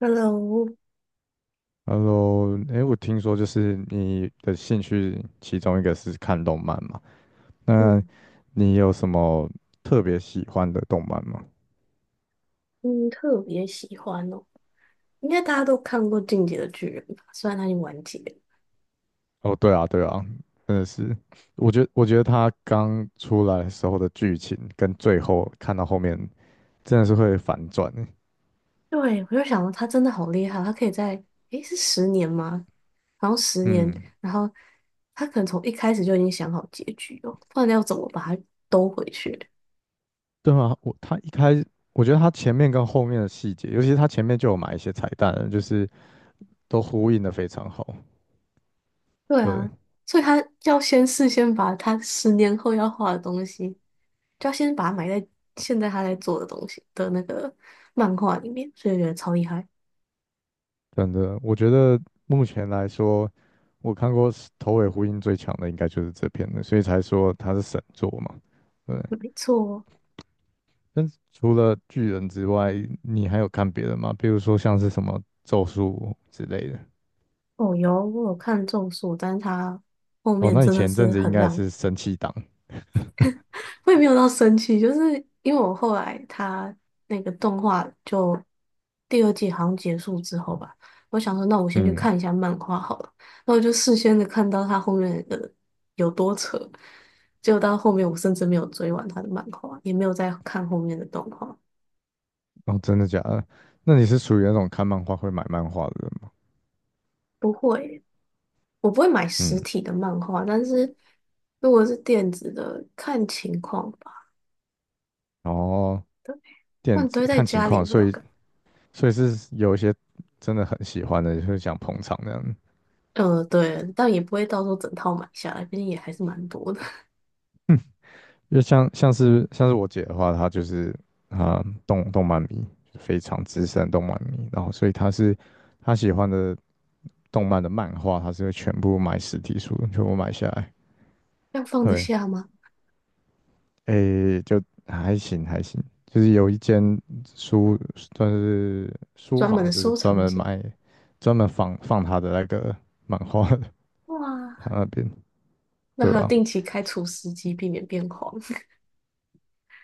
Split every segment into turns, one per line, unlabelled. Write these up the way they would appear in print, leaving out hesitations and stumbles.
Hello，
Hello，哎，我听说就是你的兴趣其中一个是看动漫嘛？那
嗯
你有什么特别喜欢的动漫吗？
嗯，特别喜欢哦，应该大家都看过《进击的巨人》吧？虽然它已经完结了。
哦，对啊，对啊，真的是，我觉得他刚出来的时候的剧情跟最后看到后面真的是会反转欸。
对，我就想到他真的好厉害，他可以在，诶，是十年吗？然后十年，
嗯，
然后他可能从一开始就已经想好结局哦，不然要怎么把它兜回去？
对啊，我觉得他前面跟后面的细节，尤其是他前面就有埋一些彩蛋了就是都呼应的非常好。
对
对，
啊，所以他要先事先把他10年后要画的东西，就要先把它埋在现在他在做的东西的那个漫画里面，所以我觉得超厉害。
真的，我觉得目前来说，我看过是头尾呼应最强的应该就是这篇了，所以才说它是神作嘛。对，
没错，
但是除了巨人之外，你还有看别的吗？比如说像是什么咒术之类的。
哦，有，我有看《中术》，但是他后
哦，
面
那你
真的
前阵
是
子应
很
该也
烂，
是神气党。
我也没有到生气，就是因为我后来他那个动画就第二季好像结束之后吧，我想说那我先去
嗯，
看一下漫画好了，那我就事先的看到他后面的有多扯，结果到后面我甚至没有追完他的漫画，也没有再看后面的动画。
哦，真的假的？那你是属于那种看漫画会买漫画的人吗？
不会，我不会买实
嗯，
体的漫画，但是如果是电子的，看情况。吧。
然后
不
电
然
子
堆在
看情
家里也
况，
不知
所
道
以
干嘛。
所以是有一些真的很喜欢的，就是想捧场那样。
对，但也不会到时候整套买下来，毕竟也还是蛮多的。
就像像是像是我姐的话，她就是啊、动漫迷，非常资深动漫迷，然后所以她喜欢的动漫的漫画，她是会全部买实体书，全部买下来。
要放得
对，
下吗？
诶、就还行还行，就是有一间书算是书
专门的
房是
收
专
藏
门
间。
卖，专门放她的那个漫画的，她
哇，
那边
那
对
还要
啊，
定期开除湿机，避免变黄。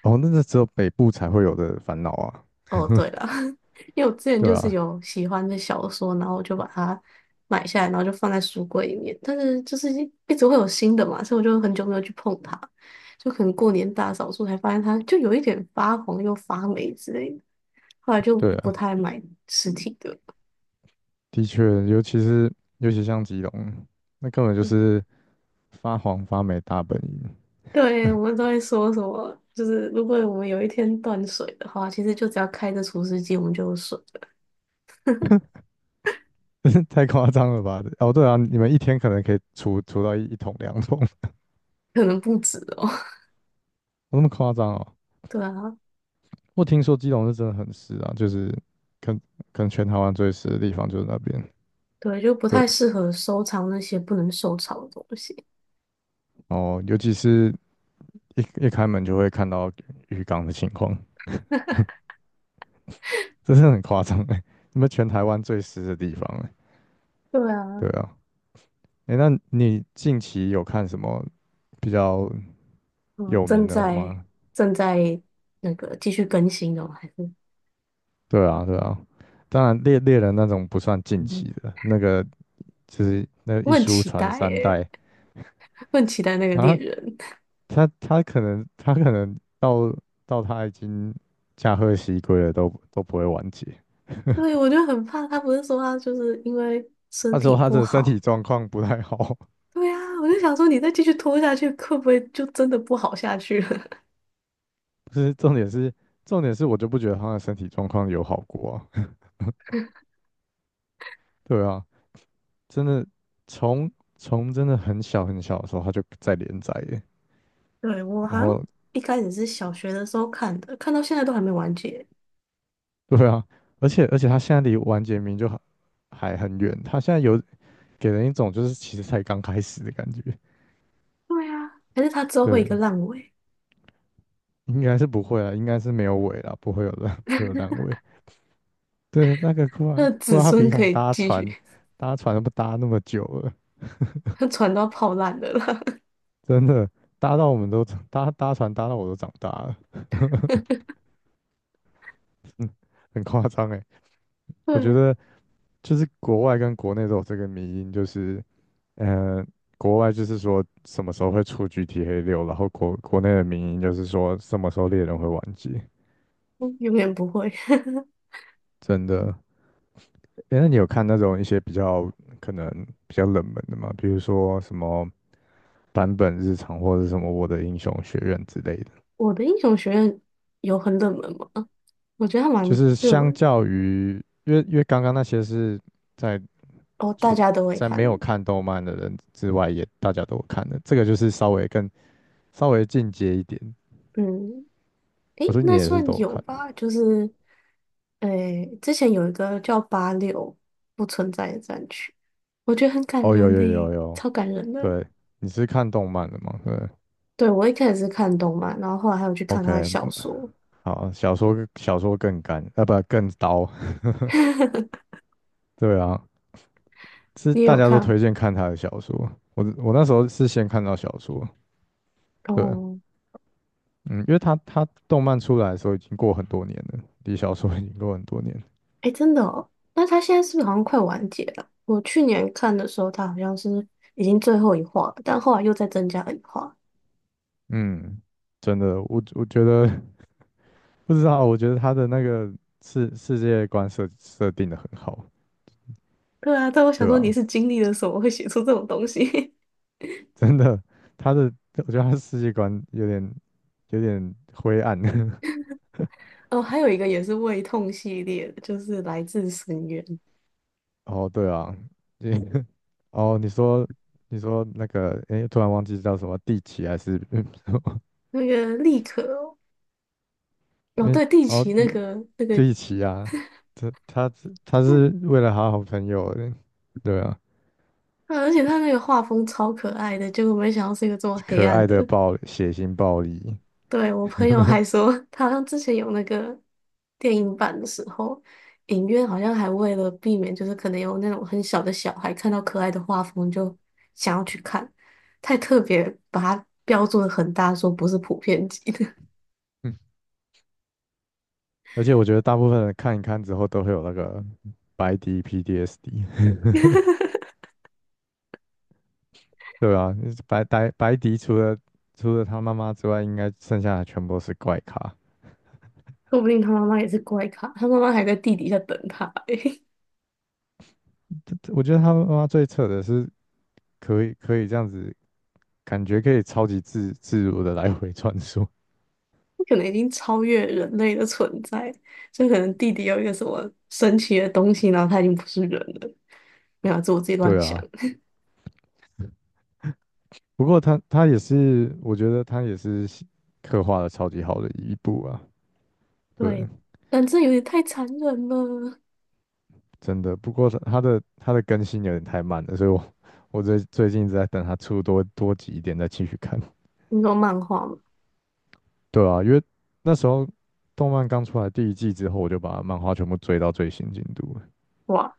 哦，那个只有北部才会有的烦恼啊，
哦，对了，因为我之前
对
就是
啊。
有喜欢的小说，然后我就把它买下来，然后就放在书柜里面。但是就是一直会有新的嘛，所以我就很久没有去碰它。就可能过年大扫除才发现它就有一点发黄又发霉之类的，后来就
对
不
啊。
太买实体的了。
的确，尤其像基隆，那根本就是发黄发霉大本营，
对，我们都会说什么，就是如果我们有一天断水的话，其实就只要开着除湿机，我们就有水了
太夸张了吧？哦，对啊，你们一天可能可以除到一桶两桶，有
可能不止哦。
那么夸张哦？
对啊，
我听说基隆是真的很湿啊，就是可能可能全台湾最湿的地方就是那边。
对，就不
对，
太适合收藏那些不能收藏的东西。
哦，尤其是一开门就会看到浴缸的情况，这是很夸张哎，你们全台湾最湿的地方哎，
对啊，
对啊，哎，那你近期有看什么比较
嗯，
有名
正
的
在
吗？
正在那个继续更新哦，还是
对啊，对啊，当然猎人那种不算近期的，那个就是那
我
一
很
书
期
传
待
三
耶，
代
我很期待那个猎
啊，
人。
他可能到他已经驾鹤西归了都不会完结。
对，我就很怕他，不是说他就是因为身
他
体
说他
不
的身体
好。
状况不太好，
对啊，我就想说，你再继续拖下去，会不会就真的不好下去了？
不是重点是我就不觉得他的身体状况有好过啊。对啊，真的从从真的很小很小的时候他就在连载耶，
对，我好
然
像
后
一开始是小学的时候看的，看到现在都还没完结。
对啊，而且他现在离完结名就好还很远，他现在有给人一种就是其实才刚开始的感觉。
对啊，还是他之后会有
对，
一个烂尾，
应该是不会啦，应该是没有尾啦，不会有烂 不会有烂尾。对，那个库
他
拉
的
库
子
拉
孙
皮
可
卡
以
搭
继
船
续，
搭船都不搭那么久了，
他船都要泡烂的了啦。
真的搭到我们都搭船搭到我都长大了，嗯，很夸张哎。我觉
对啊，
得就是国外跟国内都有这个迷因，就是嗯，国外就是说什么时候会出 GTA 六，然后国内的民音就是说什么时候猎人会完结。
嗯永远不会。
真的，诶，那你有看那种一些比较可能比较冷门的吗？比如说什么版本日常或者什么我的英雄学院之类的。
我的英雄学院有很冷门吗？我觉得它
就
蛮
是
热
相
门
较于，因为刚刚那些是在
哦，大
出
家都会
在
看
没
的。
有看动漫的人之外也，大家都有看的，这个就是稍微更稍微进阶一点。
嗯，诶，
我说你
那
也是
算
都有
有
看
吧，就是诶，之前有一个叫86不存在的战区，我觉得很感
哦，有
人呢、
有有有，
超感人的。
对，你是看动漫的吗？对
对，我一开始是看动漫，然后后来还有去看他的小
，OK，
说。
好，小说更干，啊不更刀，对啊，是
你也
大
有
家都
看？
推荐看他的小说。我那时候是先看到小说，对，
哦，
嗯，因为他动漫出来的时候已经过很多年了，离小说已经过很多年，
哎，真的哦。那他现在是不是好像快完结了？我去年看的时候，他好像是已经最后一话了，但后来又再增加了一话。
嗯，真的，我觉得 不知道，我觉得他的那个世界观设定的很好，
对啊，但我想
对
说你
啊，
是经历了什么会写出这种东西？
真的，他的我觉得他的世界观有点灰暗。
哦，还有一个也是胃痛系列的，就是《来自深渊》
哦，对啊，你 哦，你说那个，诶，突然忘记叫什么地奇还是 嗯，么？
那个立可哦，
因
哦
为
对，地
哦，
奇那
一
个那个，
地奇啊，他他是他
嗯，
是为了他好朋友的，对啊，
啊而且他那个画风超可爱的，结果没想到是一个这么黑
可
暗
爱的
的。
暴血腥暴力，
对，我 朋友还说，他好像之前有那个电影版的时候，影院好像还为了避免，就是可能有那种很小的小孩看到可爱的画风就想要去看，太特别把它标注的很大，说不是普遍级的。
而且我觉得大部分人看一看之后都会有那个白迪 PDSD 对啊，白迪除了他妈妈之外，应该剩下的全部都是怪咖。
说不定他妈妈也是怪咖，他妈妈还在地底下等他、欸，
我觉得他妈妈最扯的是可以这样子感觉可以超级自如的来回穿梭。
可能已经超越人类的存在，就可能地底有一个什么神奇的东西，然后他已经不是人了。没有啊，这我自己乱
对
想。
啊，不过他也是，我觉得他也是写刻画的超级好的一部啊。对，
对，但这有点太残忍了。
真的。不过他的更新有点太慢了，所以我最近一直在等他出多集一点再继续看。
你说漫画吗？
对啊，因为那时候动漫刚出来第一季之后，我就把漫画全部追到最新进度了。
哇，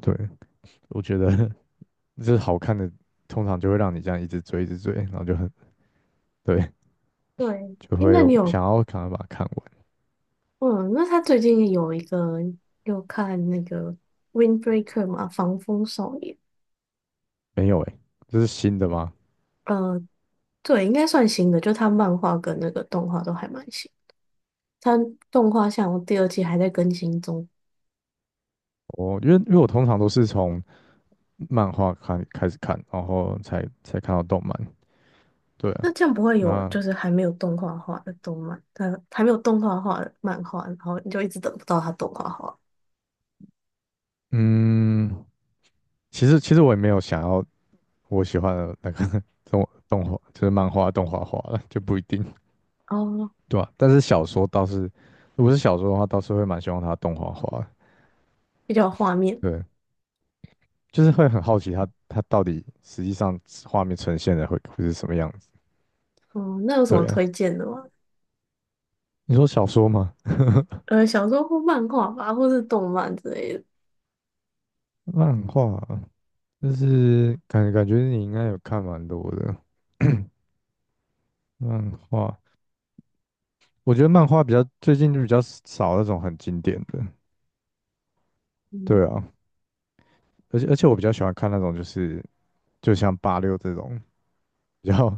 对，我觉得 就是好看的，通常就会让你这样一直追一直追，然后就很对，
对，
就
诶，
会
那你有，
想要赶快把它看完。
嗯，那他最近有一个有看那个《Windbreaker》嘛，《防风少年》。
没有诶，这是新的吗？
呃，对，应该算新的，就他漫画跟那个动画都还蛮新。他动画像第二季还在更新中，
我因为因为我通常都是从漫画看开始看，然后才看到动漫。对啊，
那这样不会有
那
就是还没有动画化的动漫，他还没有动画化的漫画，然后你就一直等不到他动画化，
嗯，其实我也没有想要我喜欢的那个 动画，就是漫画动画化了，就不一定，
哦，
对啊？但是小说倒是，如果是小说的话，倒是会蛮希望它动画化的。
比较有画面。
对，就是会很好奇它到底实际上画面呈现的会是什么样子。
嗯，那有什么
对啊，
推荐的吗？
你说小说吗？
小说或漫画吧，或是动漫之类的，
漫画，但是感觉你应该有看蛮多的漫画，我觉得漫画比较最近就比较少那种很经典的，
嗯，
对啊，而且我比较喜欢看那种就是就像八六这种比较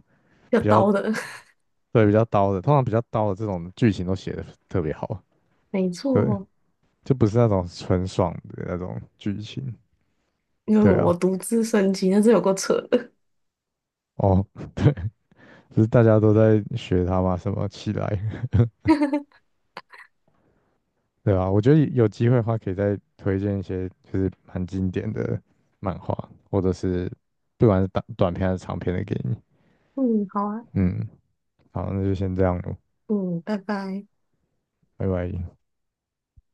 要
比较
刀的，
对比较刀的，通常比较刀的这种剧情都写的特别好，
没
对，
错，
就不是那种纯爽的那种剧情，
因为
对
我
啊，
独自升级，那是有够扯的。
哦，不是大家都在学他吗？什么起来？对啊，我觉得有机会的话，可以再推荐一些就是蛮经典的漫画，或者是不管是短片还是长片的给你。
嗯，好啊，
嗯，好，那就先这样咯，
嗯，拜拜。
拜拜。